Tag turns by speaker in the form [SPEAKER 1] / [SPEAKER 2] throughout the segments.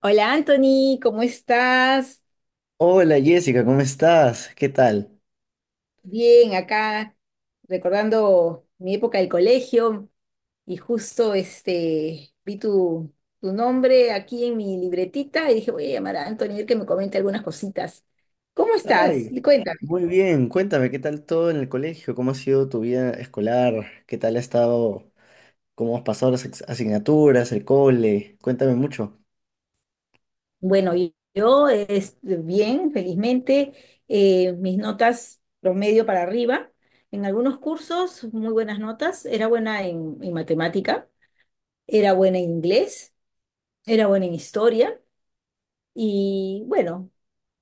[SPEAKER 1] Hola Anthony, ¿cómo estás?
[SPEAKER 2] Hola Jessica, ¿cómo estás? ¿Qué tal?
[SPEAKER 1] Bien, acá recordando mi época del colegio y justo vi tu nombre aquí en mi libretita y dije voy a llamar a Anthony a ver que me comente algunas cositas. ¿Cómo estás?
[SPEAKER 2] Ay,
[SPEAKER 1] Cuéntame.
[SPEAKER 2] muy bien. Cuéntame, ¿qué tal todo en el colegio? ¿Cómo ha sido tu vida escolar? ¿Qué tal ha estado? ¿Cómo has pasado asignaturas, el cole? Cuéntame mucho.
[SPEAKER 1] Bueno, yo bien, felizmente, mis notas promedio para arriba. En algunos cursos, muy buenas notas. Era buena en matemática, era buena en inglés, era buena en historia. Y bueno,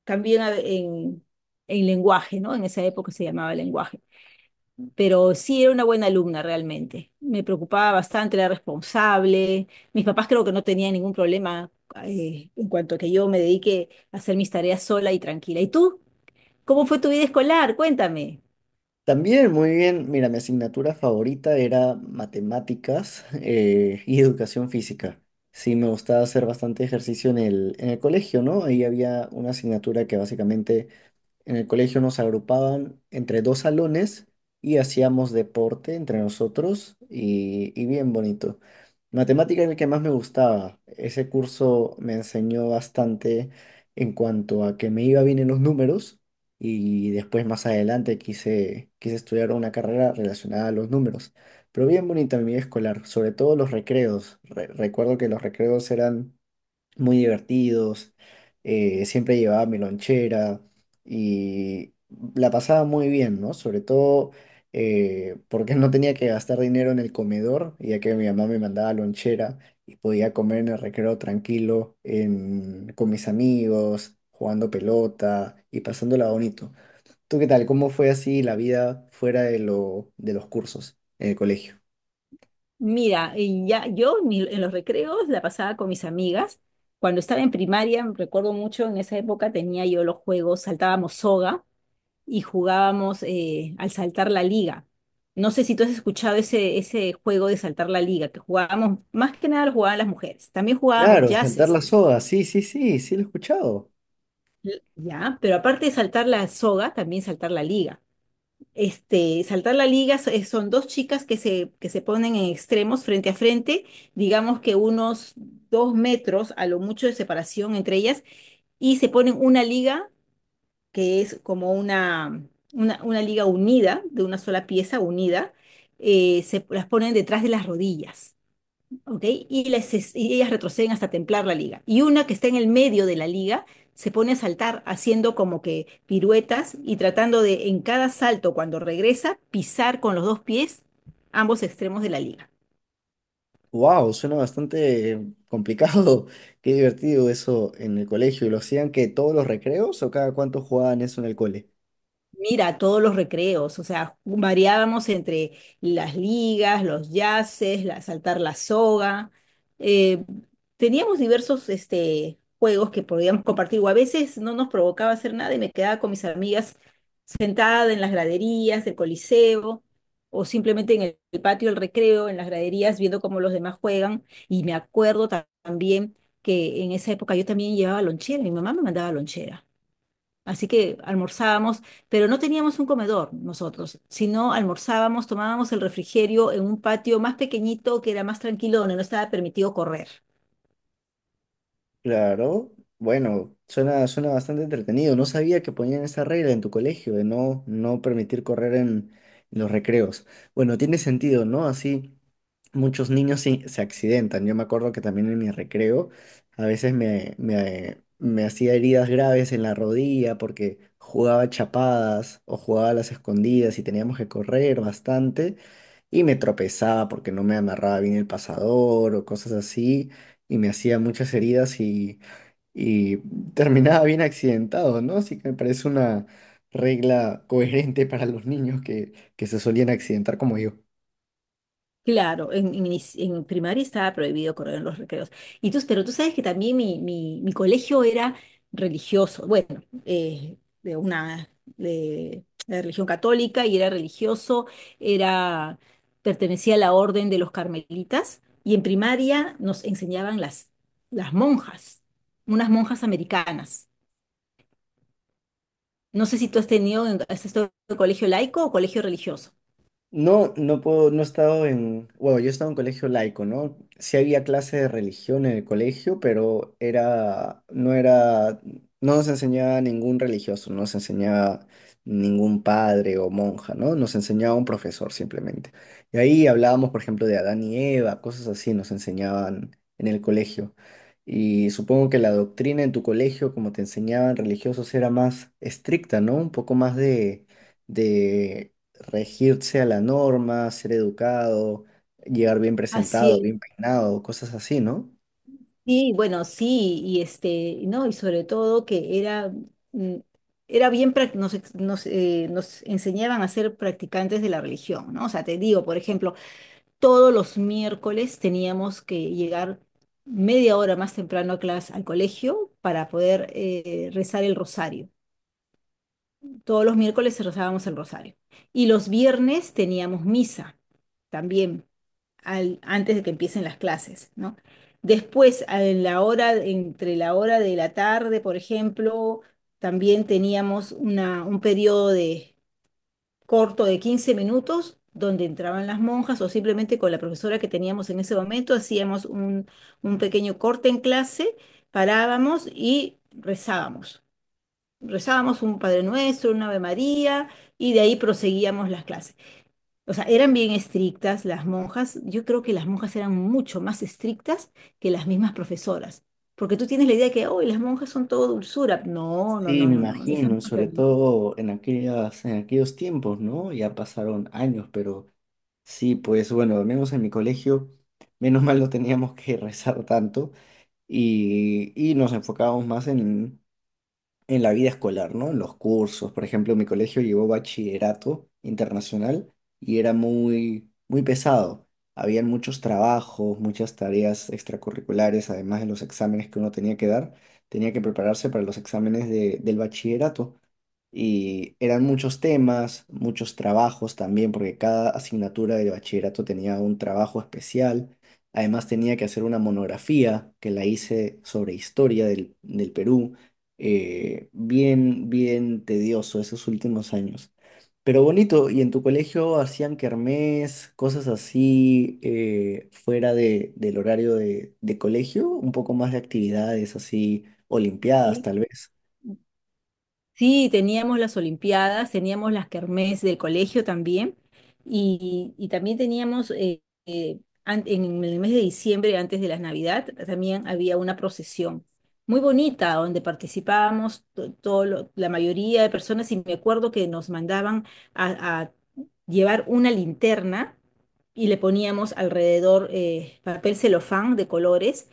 [SPEAKER 1] también en lenguaje, ¿no? En esa época se llamaba lenguaje. Pero sí era una buena alumna realmente. Me preocupaba bastante, era responsable. Mis papás creo que no tenían ningún problema en cuanto a que yo me dedique a hacer mis tareas sola y tranquila. ¿Y tú? ¿Cómo fue tu vida escolar? Cuéntame.
[SPEAKER 2] También, muy bien. Mira, mi asignatura favorita era matemáticas y educación física. Sí, me gustaba hacer bastante ejercicio en el colegio, ¿no? Ahí había una asignatura que básicamente en el colegio nos agrupaban entre dos salones y hacíamos deporte entre nosotros y bien bonito. Matemática era el que más me gustaba. Ese curso me enseñó bastante en cuanto a que me iba bien en los números y después más adelante quise estudiar una carrera relacionada a los números. Pero bien bonita mi vida escolar, sobre todo los recreos. Recuerdo que los recreos eran muy divertidos, siempre llevaba mi lonchera y la pasaba muy bien, ¿no? Sobre todo porque no tenía que gastar dinero en el comedor, ya que mi mamá me mandaba lonchera y podía comer en el recreo tranquilo, con mis amigos, jugando pelota y pasándola bonito. ¿Tú qué tal? ¿Cómo fue así la vida fuera de de los cursos en el colegio?
[SPEAKER 1] Mira, y ya, yo en los recreos la pasaba con mis amigas. Cuando estaba en primaria, me recuerdo mucho, en esa época tenía yo los juegos, saltábamos soga y jugábamos al saltar la liga. No sé si tú has escuchado ese juego de saltar la liga, que jugábamos, más que nada lo jugaban las mujeres. También jugábamos
[SPEAKER 2] Claro, saltar la
[SPEAKER 1] yaces,
[SPEAKER 2] soga, sí, sí, sí, sí lo he escuchado.
[SPEAKER 1] ¿ya? Pero aparte de saltar la soga, también saltar la liga. Este, saltar la liga son dos chicas que se ponen en extremos frente a frente, digamos que unos dos metros a lo mucho de separación entre ellas, y se ponen una liga que es como una liga unida, de una sola pieza unida, se las ponen detrás de las rodillas, ¿ok? Y, ellas retroceden hasta templar la liga. Y una que está en el medio de la liga se pone a saltar haciendo como que piruetas y tratando de en cada salto, cuando regresa, pisar con los dos pies ambos extremos de la liga.
[SPEAKER 2] Wow, suena bastante complicado. Qué divertido eso en el colegio. ¿Lo hacían que todos los recreos o cada cuánto jugaban eso en el cole?
[SPEAKER 1] Mira, todos los recreos, o sea, variábamos entre las ligas, los yaces, saltar la soga. eh, teníamos diversos juegos que podíamos compartir, o a veces no nos provocaba hacer nada y me quedaba con mis amigas sentada en las graderías del Coliseo, o simplemente en el patio del recreo, en las graderías, viendo cómo los demás juegan. Y me acuerdo también que en esa época yo también llevaba lonchera, mi mamá me mandaba lonchera. Así que almorzábamos, pero no teníamos un comedor nosotros, sino almorzábamos, tomábamos el refrigerio en un patio más pequeñito que era más tranquilo, donde no estaba permitido correr.
[SPEAKER 2] Claro, bueno, suena, suena bastante entretenido. No sabía que ponían esa regla en tu colegio de no permitir correr en los recreos. Bueno, tiene sentido, ¿no? Así muchos niños sí se accidentan. Yo me acuerdo que también en mi recreo a veces me hacía heridas graves en la rodilla porque jugaba chapadas o jugaba a las escondidas y teníamos que correr bastante y me tropezaba porque no me amarraba bien el pasador o cosas así y me hacía muchas heridas y terminaba bien accidentado, ¿no? Así que me parece una regla coherente para los niños que se solían accidentar como yo.
[SPEAKER 1] Claro, en primaria estaba prohibido correr en los recreos. Pero tú sabes que también mi colegio era religioso, bueno, de religión católica y era religioso, era, pertenecía a la orden de los carmelitas y en primaria nos enseñaban las monjas, unas monjas americanas. No sé si tú has tenido, has estado en colegio laico o colegio religioso.
[SPEAKER 2] No, no puedo, no he estado en, bueno, yo he estado en un colegio laico, ¿no? Sí había clase de religión en el colegio, pero no era, no nos enseñaba ningún religioso, no nos enseñaba ningún padre o monja, ¿no? Nos enseñaba un profesor simplemente. Y ahí hablábamos, por ejemplo, de Adán y Eva, cosas así nos enseñaban en el colegio. Y supongo que la doctrina en tu colegio, como te enseñaban religiosos, era más estricta, ¿no? Un poco más de regirse a la norma, ser educado, llegar bien presentado,
[SPEAKER 1] Así
[SPEAKER 2] bien peinado, cosas así, ¿no?
[SPEAKER 1] sí, bueno, sí, y no, y sobre todo que era, mm, era bien, nos enseñaban a ser practicantes de la religión, ¿no? O sea, te digo, por ejemplo, todos los miércoles teníamos que llegar media hora más temprano a clase, al colegio para poder rezar el rosario. Todos los miércoles rezábamos el rosario. Y los viernes teníamos misa también, antes de que empiecen las clases, ¿no? Después, a en la hora, entre la hora de la tarde, por ejemplo, también teníamos un periodo corto de 15 minutos donde entraban las monjas o simplemente con la profesora que teníamos en ese momento hacíamos un pequeño corte en clase, parábamos y rezábamos un Padre Nuestro, una Ave María, y de ahí proseguíamos las clases. O sea, eran bien estrictas las monjas. Yo creo que las monjas eran mucho más estrictas que las mismas profesoras. Porque tú tienes la idea de que, ¡oh!, las monjas son todo dulzura. No, no,
[SPEAKER 2] Sí,
[SPEAKER 1] no,
[SPEAKER 2] me
[SPEAKER 1] no, no. Esas
[SPEAKER 2] imagino,
[SPEAKER 1] monjas
[SPEAKER 2] sobre
[SPEAKER 1] eran-
[SPEAKER 2] todo en aquellos tiempos, ¿no? Ya pasaron años, pero sí, pues bueno, al menos en mi colegio, menos mal no teníamos que rezar tanto y nos enfocábamos más en la vida escolar, ¿no? En los cursos, por ejemplo, mi colegio llevó bachillerato internacional y era muy pesado. Habían muchos trabajos, muchas tareas extracurriculares, además de los exámenes que uno tenía que dar, tenía que prepararse para los exámenes del bachillerato. Y eran muchos temas, muchos trabajos también, porque cada asignatura de bachillerato tenía un trabajo especial. Además tenía que hacer una monografía que la hice sobre historia del Perú. Bien, bien tedioso esos últimos años. Pero bonito, ¿y en tu colegio hacían kermés, cosas así, fuera del horario de colegio? Un poco más de actividades así, olimpiadas
[SPEAKER 1] Sí,
[SPEAKER 2] tal vez.
[SPEAKER 1] sí, teníamos las olimpiadas, teníamos las kermés del colegio también, y también teníamos en el mes de diciembre, antes de las Navidad, también había una procesión muy bonita donde participábamos la mayoría de personas, y me acuerdo que nos mandaban a, llevar una linterna y le poníamos alrededor papel celofán de colores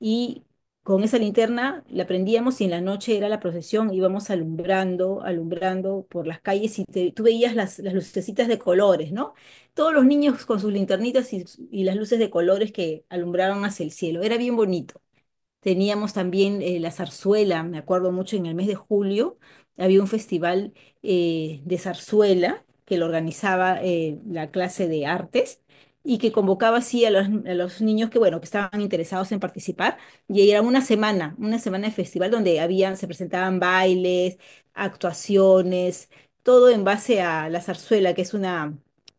[SPEAKER 1] y con esa linterna la prendíamos y en la noche era la procesión, íbamos alumbrando, alumbrando por las calles y tú veías las lucecitas de colores, ¿no? Todos los niños con sus linternitas y las luces de colores que alumbraban hacia el cielo, era bien bonito. Teníamos también la zarzuela, me acuerdo mucho, en el mes de julio había un festival de zarzuela que lo organizaba la clase de artes y que convocaba así a a los niños que, bueno, que estaban interesados en participar. Y ahí era una semana de festival donde había, se presentaban bailes, actuaciones, todo en base a la zarzuela, que es una,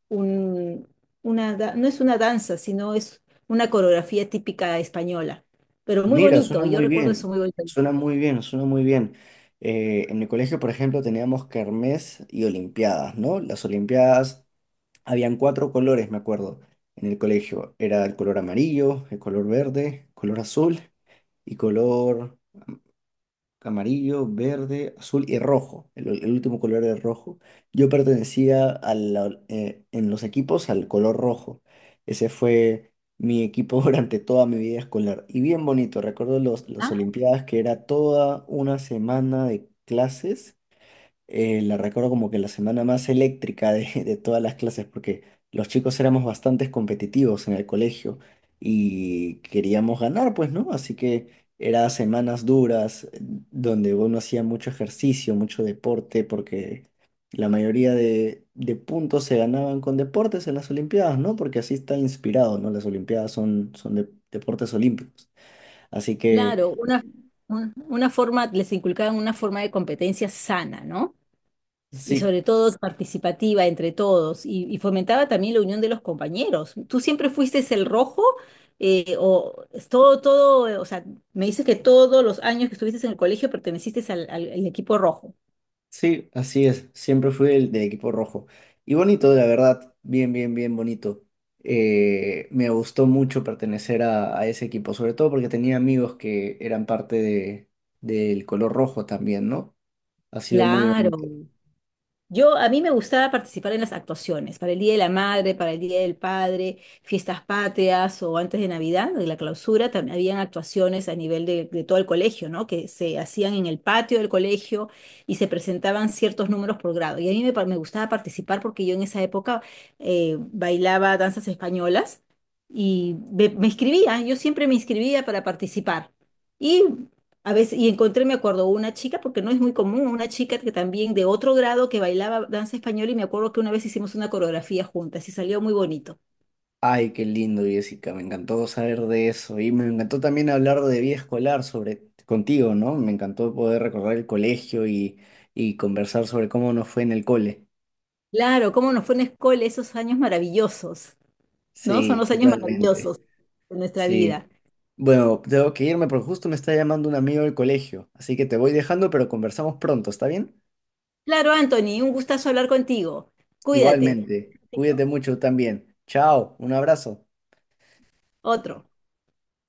[SPEAKER 1] un- una, da- no es una danza, sino es una coreografía típica española, pero muy
[SPEAKER 2] Mira, suena
[SPEAKER 1] bonito, yo
[SPEAKER 2] muy
[SPEAKER 1] recuerdo eso
[SPEAKER 2] bien,
[SPEAKER 1] muy bonito.
[SPEAKER 2] suena muy bien, suena muy bien. En mi colegio, por ejemplo, teníamos kermés y olimpiadas, ¿no? Las olimpiadas, habían cuatro colores, me acuerdo, en el colegio. Era el color amarillo, el color verde, color azul y color amarillo, verde, azul y rojo. El último color era rojo. Yo pertenecía a en los equipos al color rojo. Ese fue mi equipo durante toda mi vida escolar. Y bien bonito. Recuerdo las
[SPEAKER 1] Ah,
[SPEAKER 2] Olimpiadas que era toda una semana de clases la recuerdo como que la semana más eléctrica de, de todas las clases, porque los chicos éramos bastante competitivos en el colegio y queríamos ganar, pues, ¿no? Así que eran semanas duras, donde uno hacía mucho ejercicio, mucho deporte, porque la mayoría de puntos se ganaban con deportes en las Olimpiadas, ¿no? Porque así está inspirado, ¿no? Las Olimpiadas son, son deportes olímpicos. Así
[SPEAKER 1] claro,
[SPEAKER 2] que...
[SPEAKER 1] una forma, les inculcaban una forma de competencia sana, ¿no? Y
[SPEAKER 2] Sí,
[SPEAKER 1] sobre todo participativa entre todos, y fomentaba también la unión de los compañeros. ¿Tú siempre fuiste el rojo? O sea, me dices que todos los años que estuviste en el colegio perteneciste al equipo rojo.
[SPEAKER 2] sí, así es. Siempre fui el del equipo rojo. Y bonito, la verdad. Bien, bien, bien bonito. Me gustó mucho pertenecer a ese equipo, sobre todo porque tenía amigos que eran parte del color rojo también, ¿no? Ha sido muy
[SPEAKER 1] Claro,
[SPEAKER 2] bonito.
[SPEAKER 1] yo, a mí me gustaba participar en las actuaciones, para el Día de la Madre, para el Día del Padre, fiestas patrias o antes de Navidad, de la clausura, también habían actuaciones a nivel de todo el colegio, ¿no? Que se hacían en el patio del colegio y se presentaban ciertos números por grado. Y a mí me gustaba participar porque yo en esa época bailaba danzas españolas me inscribía, yo siempre me inscribía para participar. Y encontré, me acuerdo, una chica, porque no es muy común, una chica que también de otro grado que bailaba danza española y me acuerdo que una vez hicimos una coreografía juntas y salió muy bonito.
[SPEAKER 2] Ay, qué lindo, Jessica. Me encantó saber de eso. Y me encantó también hablar de vida escolar sobre contigo, ¿no? Me encantó poder recordar el colegio y conversar sobre cómo nos fue en el cole.
[SPEAKER 1] Claro, cómo nos fue en la escuela esos años maravillosos, ¿no? Son
[SPEAKER 2] Sí,
[SPEAKER 1] los años
[SPEAKER 2] totalmente.
[SPEAKER 1] maravillosos de nuestra
[SPEAKER 2] Sí.
[SPEAKER 1] vida.
[SPEAKER 2] Bueno, tengo que irme porque justo me está llamando un amigo del colegio. Así que te voy dejando, pero conversamos pronto, ¿está bien?
[SPEAKER 1] Claro, Anthony, un gustazo hablar contigo. Cuídate.
[SPEAKER 2] Igualmente.
[SPEAKER 1] Besito.
[SPEAKER 2] Cuídate mucho también. Chao, un abrazo.
[SPEAKER 1] Otro.